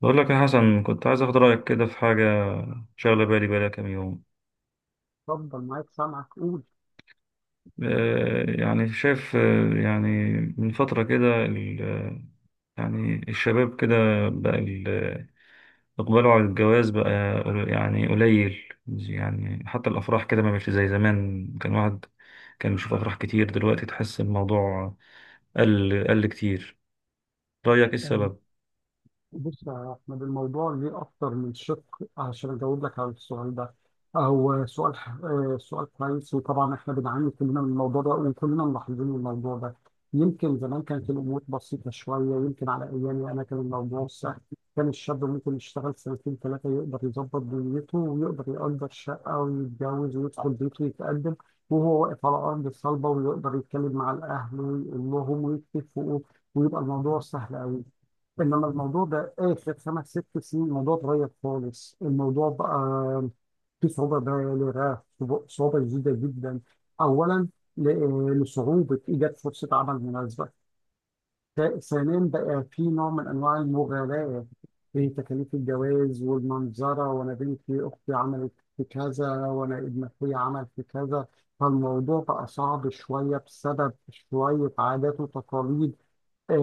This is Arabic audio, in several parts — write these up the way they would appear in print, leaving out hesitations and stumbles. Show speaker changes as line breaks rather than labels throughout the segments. بقول لك يا حسن، كنت عايز اخد رايك كده في حاجه شغله بالي بقالها كام يوم.
اتفضل معاك سامعك قول.
يعني شايف. يعني من فتره كده يعني الشباب كده بقى اقباله على الجواز بقى يعني قليل. يعني حتى الافراح كده ما بقتش زي زمان، كان واحد كان بيشوف افراح كتير، دلوقتي تحس الموضوع قل كتير. رايك ايه
آه،
السبب؟
بص يا أحمد، الموضوع ليه أكتر من شق عشان أجاوب لك على السؤال ده. هو سؤال آه، سؤال كويس، وطبعا إحنا بنعاني كلنا من الموضوع ده وكلنا ملاحظين الموضوع ده. يمكن زمان كانت الأمور بسيطة شوية، يمكن على أيامي أنا كان الموضوع سهل، كان الشاب ممكن يشتغل سنتين ثلاثة يقدر يظبط دنيته ويقدر يأجر شقة ويتجوز ويدخل بيته ويتقدم وهو واقف على أرض صلبة، ويقدر يتكلم مع الأهل ويقول لهم ويتفقوا، ويبقى الموضوع سهل أوي. انما الموضوع ده اخر خمس ست سنين الموضوع اتغير خالص، الموضوع بقى في صعوبة بالغة، صعوبة جديدة جدا. اولا لصعوبة ايجاد فرصة عمل مناسبة. ثانيا بقى في نوع من انواع المغالاة في تكاليف الجواز والمنظرة، وانا بنتي اختي عملت في كذا وانا ابن اخويا عمل في كذا، فالموضوع بقى صعب شوية بسبب شوية عادات وتقاليد.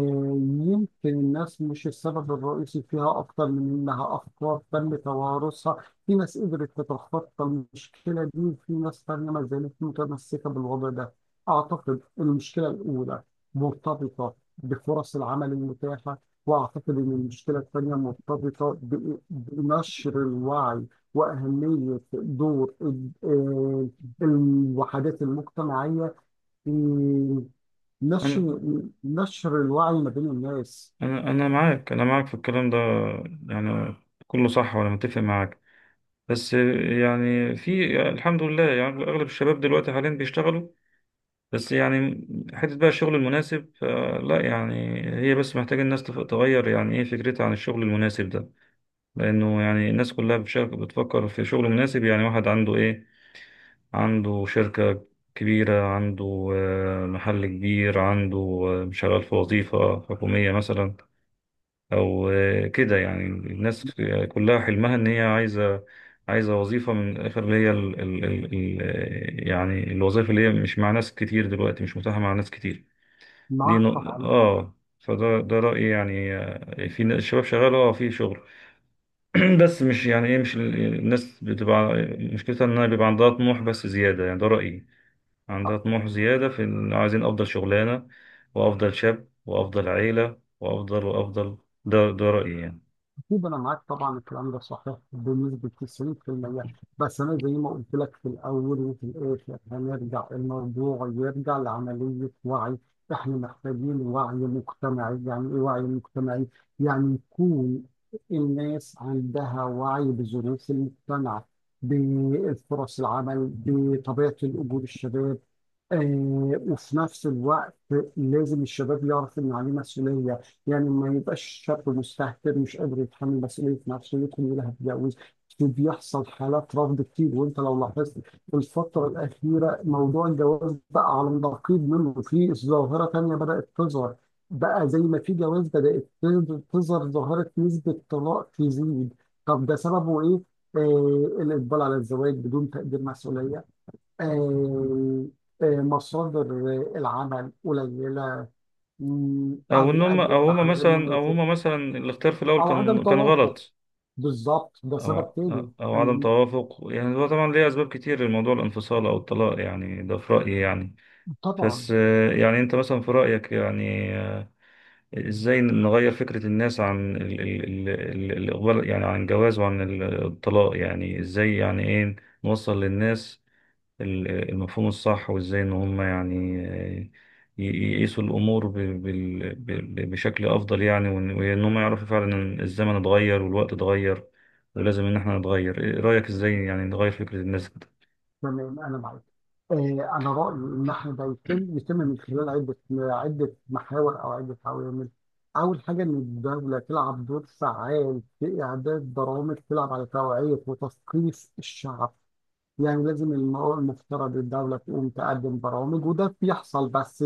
يمكن الناس مش السبب الرئيسي فيها، أكتر من إنها أفكار تم توارثها، في ناس قدرت تتخطى المشكلة دي وفي ناس تانية ما زالت متمسكة بالوضع ده. أعتقد المشكلة الأولى مرتبطة بفرص العمل المتاحة، وأعتقد إن المشكلة الثانية مرتبطة بنشر الوعي وأهمية دور الوحدات المجتمعية في
انا
نشر الوعي ما بين الناس.
انا معاك، انا معاك في الكلام ده يعني. كله صح وانا متفق معاك، بس يعني في الحمد لله يعني أغلب الشباب دلوقتي حاليا بيشتغلوا، بس يعني حتة بقى الشغل المناسب لا يعني. هي بس محتاجة الناس تغير يعني إيه فكرتها عن الشغل المناسب ده. لأنه يعني الناس كلها بتشارك، بتفكر في شغل مناسب. يعني واحد عنده إيه؟ عنده شركة كبيرة، عنده محل كبير، عنده شغال في وظيفة حكومية مثلا، او كده. يعني الناس كلها حلمها ان هي عايزه وظيفه من الاخر، اللي هي ال ال ال ال يعني الوظيفه اللي هي مش مع ناس كتير دلوقتي، مش متاحه مع ناس كتير. دي
معاك
نق-
طبعا.
اه فده ده رايي يعني. في الشباب شغال اه في شغل. بس مش يعني ايه، مش الناس بتبقى مشكلتها انها بيبقى عندها طموح بس زياده، يعني ده رايي. عندها طموح زياده في إن عايزين افضل شغلانه وافضل شاب وافضل عيله وافضل وافضل. ده رايي يعني.
أكيد أنا معاك طبعا، الكلام ده صحيح بنسبة 90%، بس أنا زي ما قلت لك في الأول وفي الآخر هنرجع الموضوع، يرجع لعملية وعي. إحنا محتاجين وعي مجتمعي. يعني إيه وعي مجتمعي؟ يعني يكون الناس عندها وعي بظروف المجتمع، بفرص العمل، بطبيعة الأجور، الشباب. وفي نفس الوقت لازم الشباب يعرف إن عليه مسؤولية، يعني ما يبقاش الشاب مستهتر مش قادر يتحمل مسؤولية نفسه كلها هتتجوز. بيحصل حالات رفض كتير، وانت لو لاحظت في الفترة الأخيرة موضوع الجواز بقى على النقيض منه، في ظاهرة تانية بدأت تظهر. بقى زي ما في جواز بدأت تظهر ظاهرة نسبة طلاق تزيد. طب ده سببه إيه؟ الإقبال على الزواج بدون تقدير مسؤولية. آه مصادر العمل قليلة،
او
أو
ان هم،
الأجر
او هم
بتاعها غير
مثلا، او
مناسب،
هم مثلا الاختيار في الاول
او عدم
كان
توافق.
غلط،
بالظبط، ده
او
سبب تاني
او عدم توافق. يعني هو طبعا ليه اسباب كتير لموضوع الانفصال او الطلاق يعني، ده في رايي يعني.
طبعا.
بس يعني انت مثلا في رايك يعني، ازاي نغير فكره الناس عن الاقبال يعني، عن الجواز وعن الطلاق يعني؟ ازاي يعني ايه نوصل للناس المفهوم الصح، وازاي ان هم يعني ي- يقيسوا الامور بشكل افضل يعني، وإن هم يعرفوا فعلا ان الزمن اتغير والوقت اتغير ولازم ان احنا نتغير. ايه رايك ازاي يعني نغير فكرة الناس كده؟
تمام انا معاك. آه، انا رايي ان احنا ده يتم من خلال عده، عده محاور او عده عوامل. اول حاجه ان الدوله تلعب دور فعال في اعداد برامج، تلعب على توعيه وتثقيف الشعب. يعني لازم المرأة، المفترض الدولة تقوم تقدم برامج، وده بيحصل بس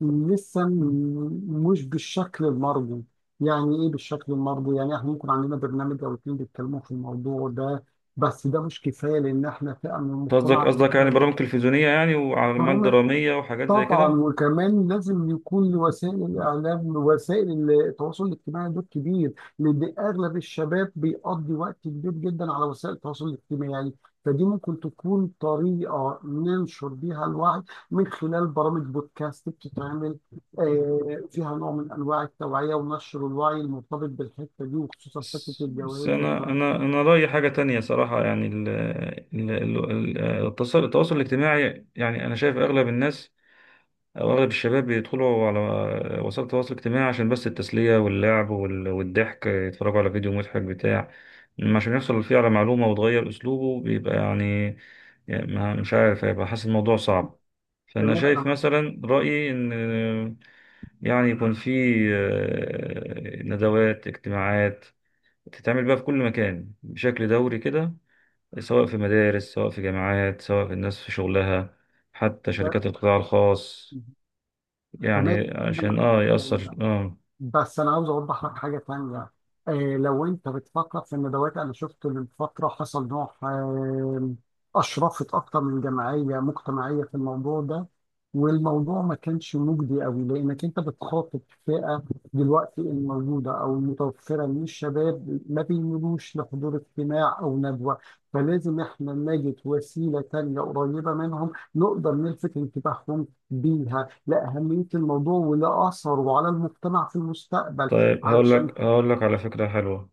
لسه مش بالشكل المرجو. يعني إيه بالشكل المرجو؟ يعني إحنا ممكن عندنا برنامج أو اتنين بيتكلموا في الموضوع ده، بس ده مش كفاية لأن إحنا فئة من
قصدك
المجتمع
قصدك
كبيرة
يعني برامج
جدا.
تلفزيونية يعني وأعمال
برامج
درامية وحاجات زي
طبعا،
كده؟
وكمان لازم يكون لوسائل الاعلام، وسائل التواصل الاجتماعي دور كبير، لان اغلب الشباب بيقضي وقت كبير جدا على وسائل التواصل الاجتماعي، يعني فدي ممكن تكون طريقه ننشر بيها الوعي، من خلال برامج بودكاست بتتعمل فيها نوع من انواع التوعيه ونشر الوعي المرتبط بالحته دي، وخصوصا فكره
بس
الجواز
أنا
والكلام.
أنا أنا رأيي حاجة تانية صراحة. يعني ال ال ال- التواصل الاجتماعي، يعني أنا شايف أغلب الناس، أغلب الشباب بيدخلوا على وسائل التواصل الاجتماعي عشان بس التسلية واللعب والضحك، يتفرجوا على فيديو مضحك بتاع. أما عشان يحصل فيه على معلومة وتغير أسلوبه بيبقى يعني، يعني مش عارف، هيبقى حاسس الموضوع صعب. فأنا
تمام
شايف
انا
مثلا رأيي إن يعني يكون في ندوات اجتماعات تتعمل بقى في كل مكان بشكل دوري كده، سواء في مدارس، سواء في جامعات، سواء في الناس في شغلها، حتى
معاك.
شركات القطاع الخاص،
تمام
يعني
كده
عشان
معاك في
اه
الكلام
يأثر
ده.
اه.
بس انا عاوز اوضح لك حاجه تانية. آه لو انت بتفكر في الندوات، انا شفت من فتره حصل نوع. اشرفت اكتر من جمعيه مجتمعيه في الموضوع ده، والموضوع ما كانش مجدي قوي لانك انت بتخاطب فئه دلوقتي الموجوده او المتوفره من الشباب ما بيميلوش لحضور اجتماع او ندوه. فلازم احنا نجد وسيله تانية قريبه منهم نقدر نلفت انتباههم بيها لأهمية الموضوع ولأثره وعلى المجتمع في المستقبل.
طيب هقول
علشان
لك هقول لك على فكرة حلوة،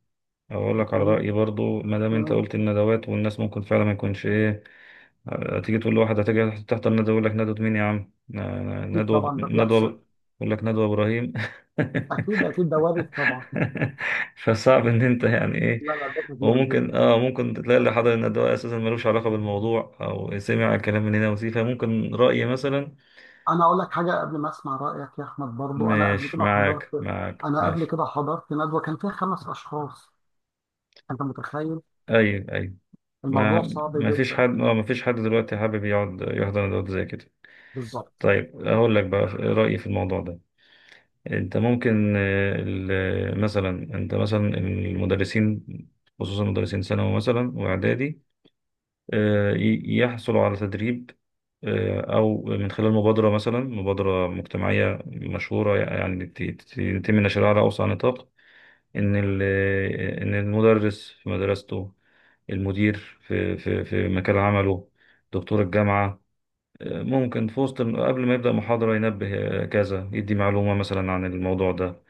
هقول لك على
و-
رأيي برضو. ما دام انت
و-
قلت الندوات والناس ممكن فعلا ما يكونش ايه، تيجي تقول لواحد هتيجي تحضر ندوة، يقول لك ندوة مين يا عم؟ آه،
أكيد
ندوة
طبعا، ده بيحصل.
ندوة يقول لك ندوة إبراهيم
أكيد أكيد، ده وارد طبعا.
فصعب ان انت يعني ايه.
لا لا، ده كبير
وممكن
جدا.
اه ممكن تلاقي اللي حضر الندوة اساسا ملوش علاقة بالموضوع، او سمع الكلام من هنا وسيه، فممكن رأي مثلا.
أنا أقول لك حاجة قبل ما أسمع رأيك يا أحمد. برضو
مش معاك، معاك،
أنا قبل
ماشي.
كده حضرت ندوة كان فيها خمس أشخاص، أنت متخيل؟
ايوه، ايوه. ما
الموضوع صعب
ما فيش
جدا.
حد اه ما فيش حد دلوقتي حابب يقعد يحضر ندوات زي كده.
بالظبط،
طيب اقول لك بقى رأيي في الموضوع ده. انت ممكن مثلا انت مثلا المدرسين، خصوصا مدرسين ثانوي مثلا واعدادي، يحصلوا على تدريب، او من خلال مبادرة مثلا، مبادرة مجتمعية مشهورة يعني يتم نشرها على اوسع نطاق. ان ال- ان المدرس في مدرسته، المدير في مكان عمله، دكتور الجامعة ممكن في وسط، قبل ما يبدأ محاضرة، ينبه كذا، يدي معلومة مثلا عن الموضوع ده.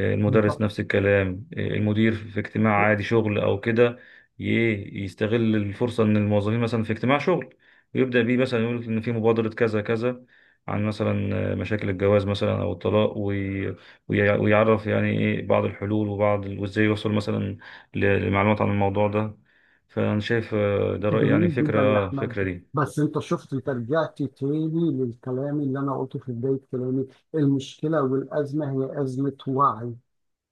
المدرس
بالظبط.
نفس الكلام، المدير في اجتماع عادي شغل او كده، يستغل الفرصة ان الموظفين مثلا في اجتماع شغل ويبدأ بيه مثلا، يقول ان في مبادرة كذا كذا عن مثلا مشاكل الجواز مثلا او الطلاق، ويعرف يعني ايه بعض الحلول وبعض وازاي يوصل مثلا لمعلومات عن الموضوع ده. فانا شايف ده رأيي يعني،
جميل
فكرة
جدا يا
اه
أحمد،
الفكرة دي.
بس أنت شفت، أنت رجعت تاني للكلام اللي أنا قلته في بداية كلامي. المشكلة والأزمة هي أزمة وعي،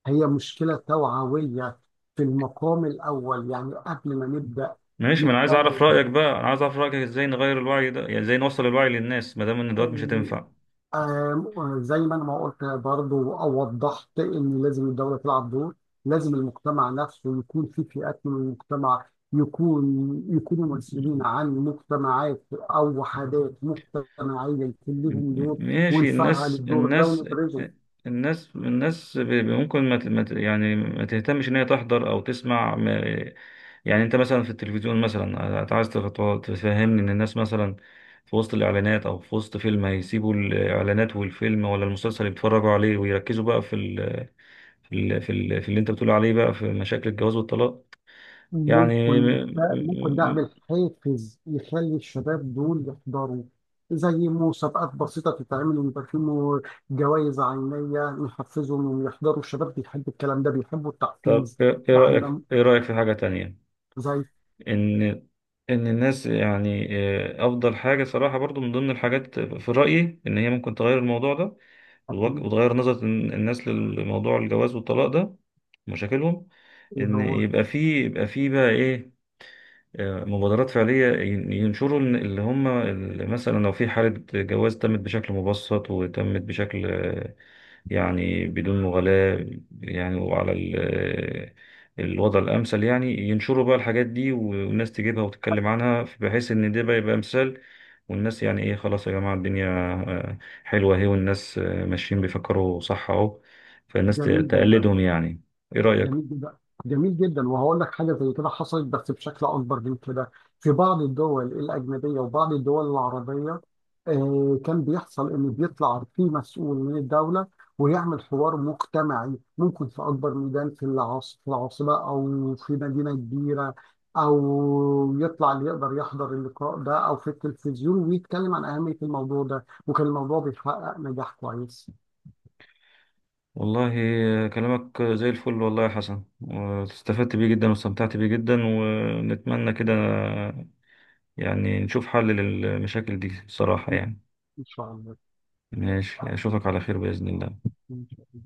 هي مشكلة توعوية في المقام الأول، يعني قبل ما نبدأ
ماشي، ما انا عايز اعرف
نتكلم،
رأيك بقى، انا عايز اعرف رأيك ازاي نغير الوعي ده. يعني ازاي نوصل الوعي للناس ما دام ان دوت مش
آم،
هتنفع؟
آم، زي ما أنا ما قلت برضو أو وضحت إن لازم الدولة تلعب دور. لازم المجتمع نفسه يكون في فئات من المجتمع، يكون يكونوا مسؤولين عن مجتمعات أو وحدات مجتمعية، يكون لهم دور،
ماشي.
ونفعل
الناس
الدور ده
الناس
ونبرزه.
الناس الناس ممكن ما ت- ما ت- يعني ما تهتمش ان هي تحضر او تسمع يعني. انت مثلا في التلفزيون مثلا، انت عايز تفهمني ان الناس مثلا في وسط الاعلانات او في وسط فيلم هيسيبوا الاعلانات والفيلم ولا المسلسل اللي بيتفرجوا عليه ويركزوا بقى في ال في ال في ال في اللي انت بتقول عليه بقى في مشاكل الجواز والطلاق؟ يعني
ممكن ده
م- م-
اعمل حافز يخلي الشباب دول يحضروا، زي مسابقات بسيطة تتعمل ويبقى في جوائز عينية نحفزهم إنهم يحضروا. الشباب بيحب الكلام ده، بيحبوا
طب
التحفيز.
ايه، إيه رأيك،
واحنا
ايه رأيك في حاجة تانية؟
زي.
ان ان الناس يعني افضل حاجه صراحه برضو، من ضمن الحاجات في رايي ان هي ممكن تغير الموضوع ده وتوج-
أكيد.
وتغير نظره الناس للموضوع الجواز والطلاق ده، مشاكلهم،
إيه
ان
هو.
يبقى فيه، بقى ايه، مبادرات فعلية، ينشروا إن- اللي هم مثلا لو في حالة جواز تمت بشكل مبسط وتمت بشكل يعني بدون مغالاة يعني، وعلى الوضع الأمثل، يعني ينشروا بقى الحاجات دي، والناس تجيبها وتتكلم عنها، بحيث إن ده بقى يبقى مثال. والناس يعني إيه، خلاص يا جماعة، الدنيا آه، حلوة أهي، والناس ماشيين بيفكروا صح أهو، فالناس
جميل جدا.
تقلدهم يعني. إيه رأيك؟
جميل جدا. جميل جدا، وهقول لك حاجه زي كده حصلت بس بشكل اكبر من كده في بعض الدول الاجنبيه وبعض الدول العربيه. كان بيحصل ان بيطلع في مسؤول من الدوله ويعمل حوار مجتمعي، ممكن في اكبر ميدان في العاصمه او في مدينه كبيره، او يطلع اللي يقدر يحضر اللقاء ده، او في التلفزيون، ويتكلم عن اهميه الموضوع ده، وكان الموضوع بيحقق نجاح كويس.
والله كلامك زي الفل والله يا حسن، واستفدت بيه جدا واستمتعت بيه جدا، ونتمنى كده يعني نشوف حل للمشاكل دي بصراحة يعني.
ان شاء الله.
ماشي، أشوفك على خير بإذن الله.
إن شاء الله.